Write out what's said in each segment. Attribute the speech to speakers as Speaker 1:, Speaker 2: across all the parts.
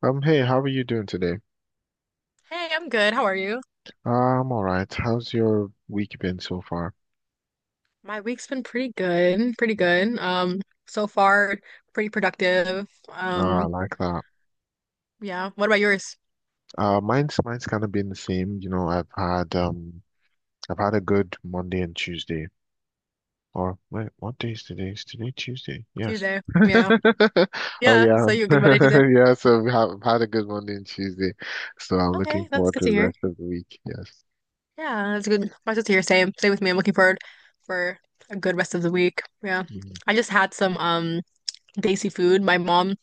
Speaker 1: Hey, how are you doing today?
Speaker 2: Hey, I'm good. How are you?
Speaker 1: I'm all right. How's your week been so far?
Speaker 2: My week's been pretty good, pretty good. So far, pretty productive.
Speaker 1: I like that.
Speaker 2: Yeah. What about yours?
Speaker 1: Mine's kind of been the same. You know, I've had a good Monday and Tuesday. Or wait, what day is today? Is today Tuesday? Yes.
Speaker 2: Tuesday. Yeah.
Speaker 1: Oh
Speaker 2: Yeah.
Speaker 1: yeah,
Speaker 2: So you're good Monday, Tuesday.
Speaker 1: yeah. So had a good Monday and Tuesday, so I'm looking
Speaker 2: Okay, that's
Speaker 1: forward
Speaker 2: good
Speaker 1: to
Speaker 2: to
Speaker 1: the
Speaker 2: hear.
Speaker 1: rest of the week. Yes.
Speaker 2: Yeah, that's good. That's good to hear. Same. Same with me. I'm looking forward for a good rest of the week. Yeah.
Speaker 1: Mhm.
Speaker 2: I just had some desi food. My mom,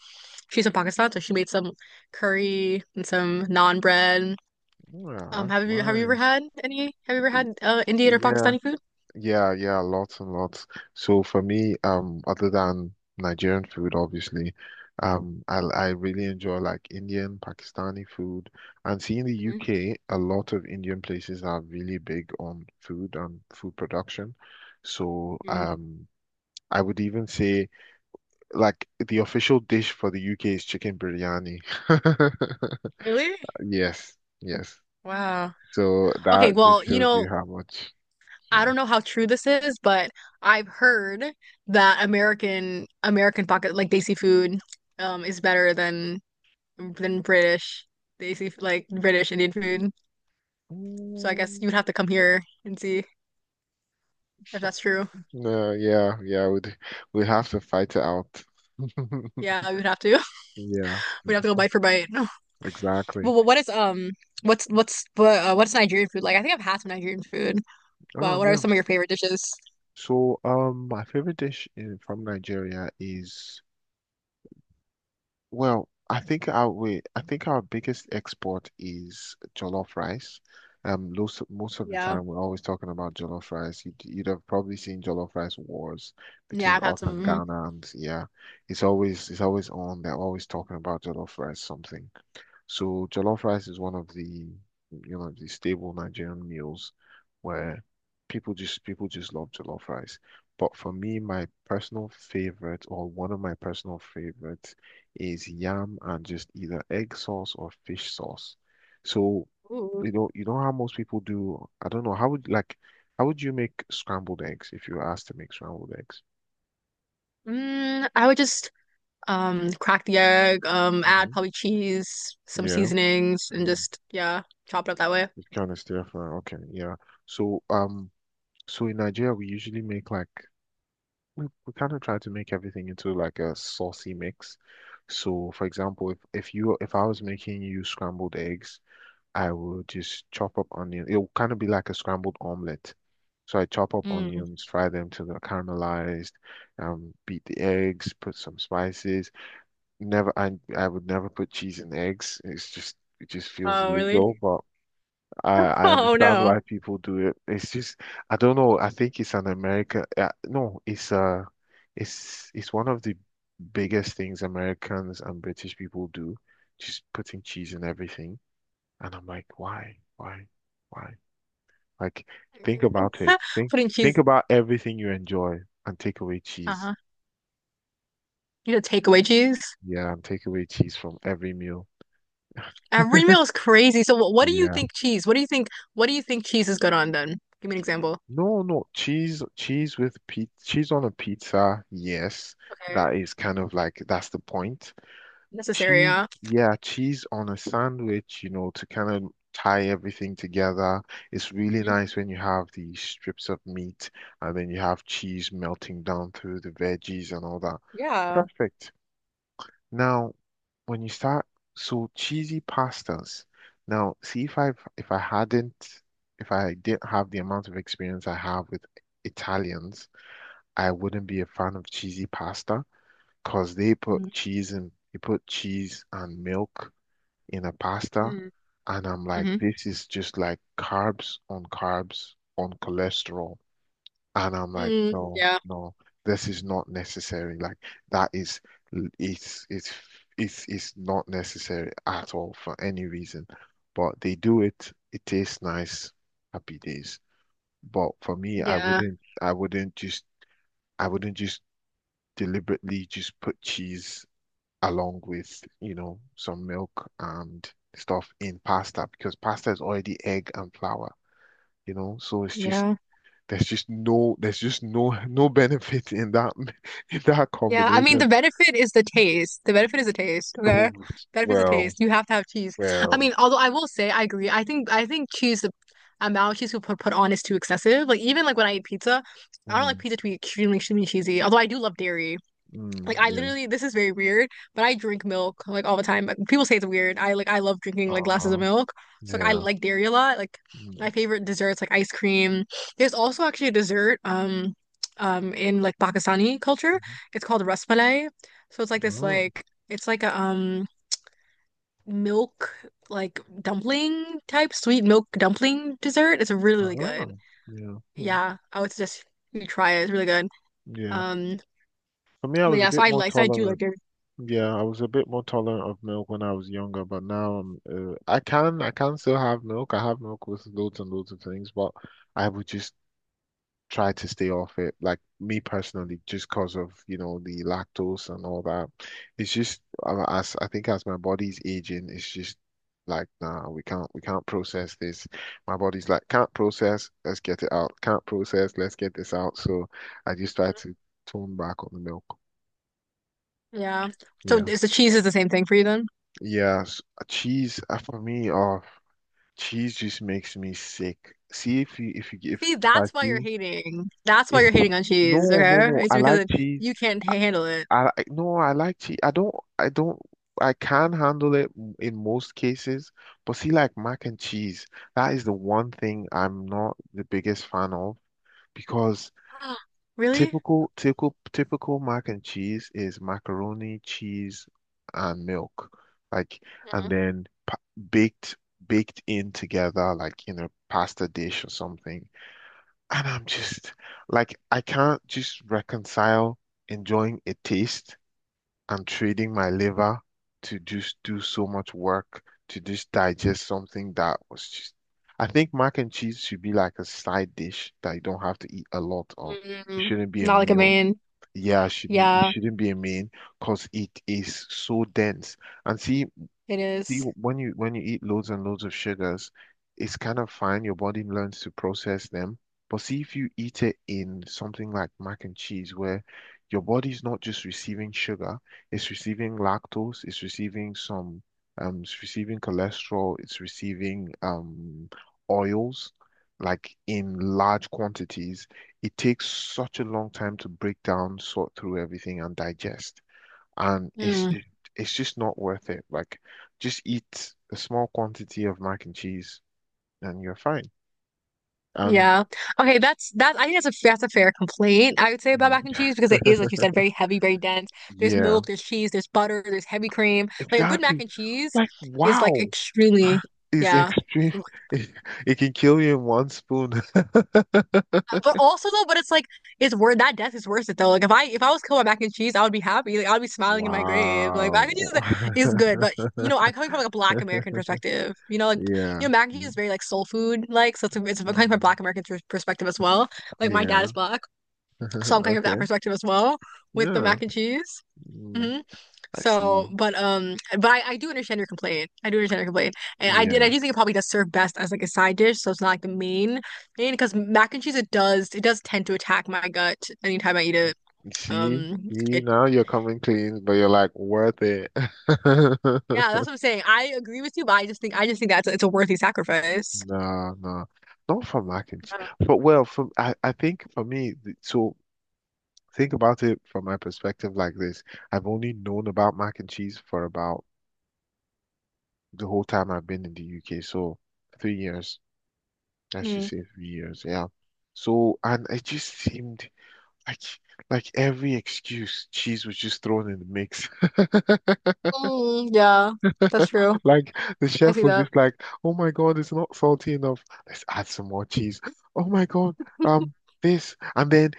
Speaker 2: she's from Pakistan, so she made some curry and some naan bread.
Speaker 1: Yeah, that's
Speaker 2: Have you ever
Speaker 1: nice.
Speaker 2: had any? Have you ever had Indian or
Speaker 1: Yeah.
Speaker 2: Pakistani food?
Speaker 1: Yeah, yeah, lots and lots. So for me, other than Nigerian food, obviously, I really enjoy like Indian, Pakistani food, and seeing the
Speaker 2: Mhm.
Speaker 1: UK, a lot of Indian places are really big on food and food production. So,
Speaker 2: Mm.
Speaker 1: I would even say like the official dish for the UK is chicken biryani.
Speaker 2: Really?
Speaker 1: Yes, yes.
Speaker 2: Wow.
Speaker 1: So
Speaker 2: Okay,
Speaker 1: that just
Speaker 2: well, you
Speaker 1: shows
Speaker 2: know,
Speaker 1: you how much.
Speaker 2: I
Speaker 1: Yeah.
Speaker 2: don't know how true this is, but I've heard that American pocket like desi food is better than British desi like British Indian food. So I guess you'd
Speaker 1: Mm.
Speaker 2: have to come here and see if that's true.
Speaker 1: No, yeah, yeah, we'd have to fight it out.
Speaker 2: Yeah, we'd have to.
Speaker 1: Yeah,
Speaker 2: We'd have to go bite for bite. But
Speaker 1: exactly.
Speaker 2: wh- what is what's what, what's Nigerian food like? I think I've had some Nigerian food. Wow,
Speaker 1: Oh,
Speaker 2: what are
Speaker 1: yeah.
Speaker 2: some of your favorite dishes?
Speaker 1: So, my favorite dish in, from Nigeria is, well, I think our biggest export is jollof rice. Most of the
Speaker 2: Yeah.
Speaker 1: time we're always talking about jollof rice. You'd have probably seen jollof rice wars
Speaker 2: Yeah,
Speaker 1: between
Speaker 2: I've had
Speaker 1: us and
Speaker 2: some. Mhm.
Speaker 1: Ghana, and yeah, it's always on. They're always talking about jollof rice something. So jollof rice is one of the, you know, the stable Nigerian meals where people just love jollof rice. But for me, my personal favorite or one of my personal favorites is yam and just either egg sauce or fish sauce. So,
Speaker 2: Ooh.
Speaker 1: you know how most people do, I don't know, how would like how would you make scrambled eggs if you were asked to make scrambled eggs?
Speaker 2: Mm, I would just crack the egg, add
Speaker 1: Hmm.
Speaker 2: probably cheese, some
Speaker 1: Yeah.
Speaker 2: seasonings, and
Speaker 1: Mm.
Speaker 2: just, yeah, chop it up that way.
Speaker 1: You kind of stir fry. Okay, yeah. So, um So in Nigeria, we usually make like we kind of try to make everything into like a saucy mix. So for example, if I was making you scrambled eggs, I would just chop up onion. It would kind of be like a scrambled omelet. So I chop up
Speaker 2: Mm.
Speaker 1: onions, fry them till they're caramelized, beat the eggs, put some spices. Never, I would never put cheese in eggs. It just feels
Speaker 2: Oh, really?
Speaker 1: illegal, but I I
Speaker 2: Oh,
Speaker 1: understand
Speaker 2: no.
Speaker 1: why people do it. It's just I don't know. I think it's an America. No, It's one of the biggest things Americans and British people do, just putting cheese in everything. And I'm like, why, why? Like, think about it. Think
Speaker 2: Putting
Speaker 1: think
Speaker 2: cheese.
Speaker 1: about everything you enjoy and take away cheese.
Speaker 2: Uh-huh. You know, takeaway cheese.
Speaker 1: Yeah, and take away cheese from every meal.
Speaker 2: Every meal is crazy. So what do you
Speaker 1: Yeah.
Speaker 2: think cheese? What do you think? What do you think cheese is good on then? Give me an example.
Speaker 1: No, no, cheese, cheese with pizza, cheese on a pizza. Yes,
Speaker 2: Okay.
Speaker 1: that is kind of like that's the point.
Speaker 2: Necessary,
Speaker 1: Cheese,
Speaker 2: yeah.
Speaker 1: yeah, cheese on a sandwich, you know, to kind of tie everything together. It's really
Speaker 2: Mm.
Speaker 1: nice when you have the strips of meat and then you have cheese melting down through the veggies and all that.
Speaker 2: Yeah.
Speaker 1: Perfect. Now, when you start, so cheesy pastas. Now, see if I if I hadn't if I didn't have the amount of experience I have with Italians, I wouldn't be a fan of cheesy pasta because
Speaker 2: Mm-hmm.
Speaker 1: they put cheese and milk in a pasta, and I'm like,
Speaker 2: Mm-hmm.
Speaker 1: this is just like carbs on carbs on cholesterol. And I'm like,
Speaker 2: Mm,
Speaker 1: no,
Speaker 2: yeah.
Speaker 1: no, this is not necessary. Like that is it's it's it's not necessary at all for any reason. But they do it, it tastes nice, happy days. But for me, I
Speaker 2: Yeah.
Speaker 1: wouldn't I wouldn't just I wouldn't just deliberately just put cheese along with, you know, some milk and stuff in pasta because pasta is already egg and flour, you know, so it's just
Speaker 2: Yeah.
Speaker 1: there's just no, no benefit in that, in that
Speaker 2: Yeah, I mean the
Speaker 1: combination.
Speaker 2: benefit is the taste. The benefit is the taste, okay?
Speaker 1: Oh,
Speaker 2: Benefit is the
Speaker 1: well,
Speaker 2: taste. You have to have cheese. I
Speaker 1: well,
Speaker 2: mean, although I will say I agree. I think cheese the amount of cheese people put on is too excessive. Like even like when I eat pizza, I don't like
Speaker 1: mm,
Speaker 2: pizza to be extremely, extremely cheesy. Although I do love dairy. Like
Speaker 1: mm,
Speaker 2: I
Speaker 1: yeah,
Speaker 2: literally, this is very weird, but I drink milk like all the time. Like, people say it's weird. I love drinking like glasses of
Speaker 1: uh-huh,
Speaker 2: milk. So like I
Speaker 1: yeah,
Speaker 2: like dairy a lot. Like
Speaker 1: mm,
Speaker 2: my favorite desserts like ice cream. There's also actually a dessert in like Pakistani culture. It's called rasmalai. So it's like this
Speaker 1: mhm,
Speaker 2: like it's like a milk like dumpling type sweet milk dumpling dessert. It's really,
Speaker 1: uh,
Speaker 2: really
Speaker 1: uh,
Speaker 2: good.
Speaker 1: yeah, mm,
Speaker 2: Yeah, I would suggest you try it. It's really good.
Speaker 1: yeah.
Speaker 2: Um,
Speaker 1: For me, I
Speaker 2: but
Speaker 1: was a
Speaker 2: yeah, so
Speaker 1: bit more
Speaker 2: I do like
Speaker 1: tolerant.
Speaker 2: dairy.
Speaker 1: Yeah, I was a bit more tolerant of milk when I was younger, but now I can still have milk. I have milk with loads and loads of things, but I would just try to stay off it. Like me personally, just because of, you know, the lactose and all that. It's just as I think as my body's aging, it's just like, nah, we can't process this. My body's like, can't process, let's get it out. Can't process, let's get this out. So I just try to tone back on the milk.
Speaker 2: Yeah. So
Speaker 1: Yeah.
Speaker 2: is the cheese is the same thing for you then?
Speaker 1: Yeah. Cheese for me, oh, cheese just makes me sick. See if you if you
Speaker 2: See,
Speaker 1: if I
Speaker 2: that's why you're
Speaker 1: see
Speaker 2: hating. That's why
Speaker 1: if
Speaker 2: you're hating on cheese,
Speaker 1: no no
Speaker 2: okay?
Speaker 1: no
Speaker 2: It's
Speaker 1: I like cheese
Speaker 2: you can't handle it.
Speaker 1: I- no, I like cheese. I don't. I don't. I can handle it in most cases, but see, like mac and cheese, that is the one thing I'm not the biggest fan of because
Speaker 2: Really?
Speaker 1: typical mac and cheese is macaroni, cheese, and milk, like,
Speaker 2: Mhm.
Speaker 1: and then pa baked, baked in together, like in a pasta dish or something. And I'm just like, I can't just reconcile enjoying a taste. I'm trading my liver to just do so much work to just digest something that was just. I think mac and cheese should be like a side dish that you don't have to eat a lot of. It
Speaker 2: Mm,
Speaker 1: shouldn't be a
Speaker 2: not like a
Speaker 1: meal.
Speaker 2: main.
Speaker 1: Yeah, it shouldn't it
Speaker 2: Yeah,
Speaker 1: shouldn't be a main because it is so dense. And see,
Speaker 2: it
Speaker 1: See,
Speaker 2: is.
Speaker 1: when you eat loads and loads of sugars, it's kind of fine. Your body learns to process them. But see, if you eat it in something like mac and cheese, where your body's not just receiving sugar, it's receiving lactose, it's receiving cholesterol, it's receiving oils, like in large quantities. It takes such a long time to break down, sort through everything, and digest and
Speaker 2: Mm,
Speaker 1: it's just not worth it. Like, just eat a small quantity of mac and cheese, and you're fine. And
Speaker 2: yeah. Okay, that's that. I think that's a That's a fair complaint, I would say, about mac and cheese because it is, like you said, very heavy, very dense. There's
Speaker 1: yeah,
Speaker 2: milk, there's cheese, there's butter, there's heavy cream. Like a good mac
Speaker 1: exactly.
Speaker 2: and cheese
Speaker 1: Like,
Speaker 2: is like
Speaker 1: wow,
Speaker 2: extremely,
Speaker 1: is
Speaker 2: yeah.
Speaker 1: extreme. It, it can kill you in one spoon.
Speaker 2: But it's like it's worth that death is worth it though. Like if I was killed by mac and cheese, I would be happy. Like I'd be smiling in my grave. Like mac and cheese
Speaker 1: Wow.
Speaker 2: is good, but you know, I'm coming from like a Black American perspective. You know, like you
Speaker 1: Yeah.
Speaker 2: know, mac and cheese
Speaker 1: Mm.
Speaker 2: is very like soul food like, so it's I'm coming from a
Speaker 1: Mhm.
Speaker 2: Black American perspective as well. Like my dad
Speaker 1: Yeah.
Speaker 2: is black, so I'm coming from that
Speaker 1: Okay.
Speaker 2: perspective as well with the
Speaker 1: Yeah.
Speaker 2: mac and cheese.
Speaker 1: Mm.
Speaker 2: Mhm.
Speaker 1: I see.
Speaker 2: So, but I do understand your complaint. I do understand your complaint, and I did. I
Speaker 1: Yeah.
Speaker 2: do think it probably does serve best as like a side dish, so it's not like the main. Because mac and cheese, it does tend to attack my gut anytime I eat it.
Speaker 1: See?
Speaker 2: Um,
Speaker 1: See,
Speaker 2: it
Speaker 1: now you're coming clean, but you're like, worth it.
Speaker 2: yeah, that's what I'm saying. I agree with you, but I just think that's it's a worthy sacrifice.
Speaker 1: No, no, not for mac and cheese.
Speaker 2: Yeah.
Speaker 1: But well, I think for me, so think about it from my perspective like this. I've only known about mac and cheese for about the whole time I've been in the UK, so 3 years. I should
Speaker 2: Mm.
Speaker 1: say 3 years, yeah. So and it just seemed like like every excuse, cheese was just thrown in the mix.
Speaker 2: Mm, yeah, that's true.
Speaker 1: Like the
Speaker 2: I
Speaker 1: chef
Speaker 2: see
Speaker 1: was
Speaker 2: that.
Speaker 1: just like, "Oh my God, it's not salty enough. Let's add some more cheese. Oh my God, um." this and then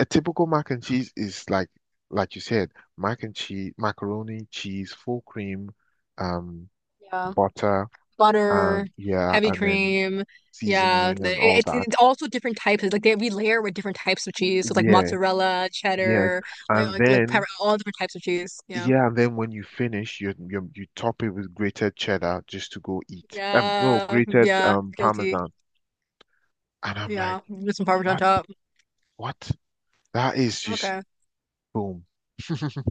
Speaker 1: a typical mac and cheese is like you said, mac and cheese, macaroni, cheese, full cream, um,
Speaker 2: Yeah.
Speaker 1: butter,
Speaker 2: Butter,
Speaker 1: and yeah,
Speaker 2: heavy
Speaker 1: and then
Speaker 2: cream. Yeah,
Speaker 1: seasoning and all that.
Speaker 2: it's also different types. It's like they we layer with different types of cheese, so it's like
Speaker 1: Yeah,
Speaker 2: mozzarella,
Speaker 1: yeah.
Speaker 2: cheddar,
Speaker 1: And
Speaker 2: like
Speaker 1: then
Speaker 2: pepper, all different types of cheese. Yeah,
Speaker 1: yeah, and then when you finish, you top it with grated cheddar just to go eat. No, Grated
Speaker 2: yeah. Guilty.
Speaker 1: parmesan. And I'm like,
Speaker 2: Yeah, with some Parmesan on
Speaker 1: what?
Speaker 2: top.
Speaker 1: What? That is just
Speaker 2: Okay.
Speaker 1: boom.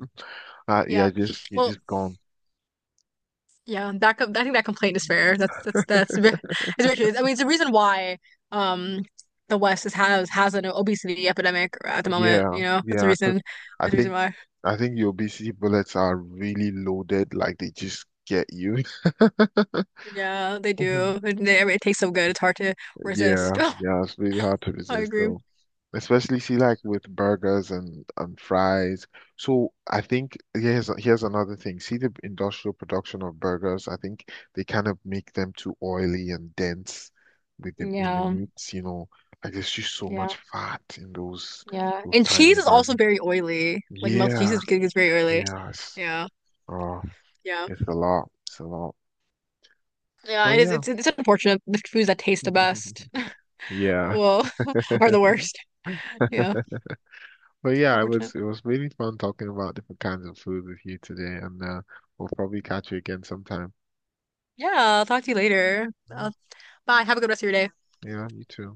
Speaker 1: Yeah,
Speaker 2: Yeah.
Speaker 1: just you're
Speaker 2: Well,
Speaker 1: just gone.
Speaker 2: yeah. I think that complaint is fair. It's very true. I mean, it's the reason why um the has an obesity epidemic at the moment.
Speaker 1: Yeah,
Speaker 2: You know, that's the
Speaker 1: yeah,
Speaker 2: reason.
Speaker 1: because I
Speaker 2: That's the reason
Speaker 1: think
Speaker 2: why.
Speaker 1: I think your BC bullets are really loaded, like they just get you.
Speaker 2: Yeah, they
Speaker 1: Mhm.
Speaker 2: do. And they, I mean, it tastes so good. It's hard to resist.
Speaker 1: Yeah, yeah, it's really hard to
Speaker 2: I
Speaker 1: resist
Speaker 2: agree.
Speaker 1: though. Especially see like with burgers and fries. So I think here's another thing. See the industrial production of burgers. I think they kind of make them too oily and dense with them in the
Speaker 2: Yeah,
Speaker 1: meats, you know. Like there's just so
Speaker 2: yeah,
Speaker 1: much fat in those
Speaker 2: yeah.
Speaker 1: those
Speaker 2: And
Speaker 1: tiny
Speaker 2: cheese is also
Speaker 1: burgers.
Speaker 2: very oily. Like melted cheese
Speaker 1: Yeah.
Speaker 2: is very oily.
Speaker 1: Yeah, it's,
Speaker 2: Yeah,
Speaker 1: oh,
Speaker 2: yeah,
Speaker 1: it's a lot. It's a lot.
Speaker 2: yeah.
Speaker 1: But
Speaker 2: It is.
Speaker 1: yeah.
Speaker 2: It's unfortunate. The foods that taste the best,
Speaker 1: Yeah.
Speaker 2: well, are the worst. Yeah,
Speaker 1: But yeah, it was
Speaker 2: unfortunate.
Speaker 1: it was really fun talking about different kinds of food with you today, and we'll probably catch you again sometime.
Speaker 2: Yeah, I'll talk to you later. Uh,
Speaker 1: Mm,
Speaker 2: Bye. Have a good rest of your day.
Speaker 1: yeah, you too.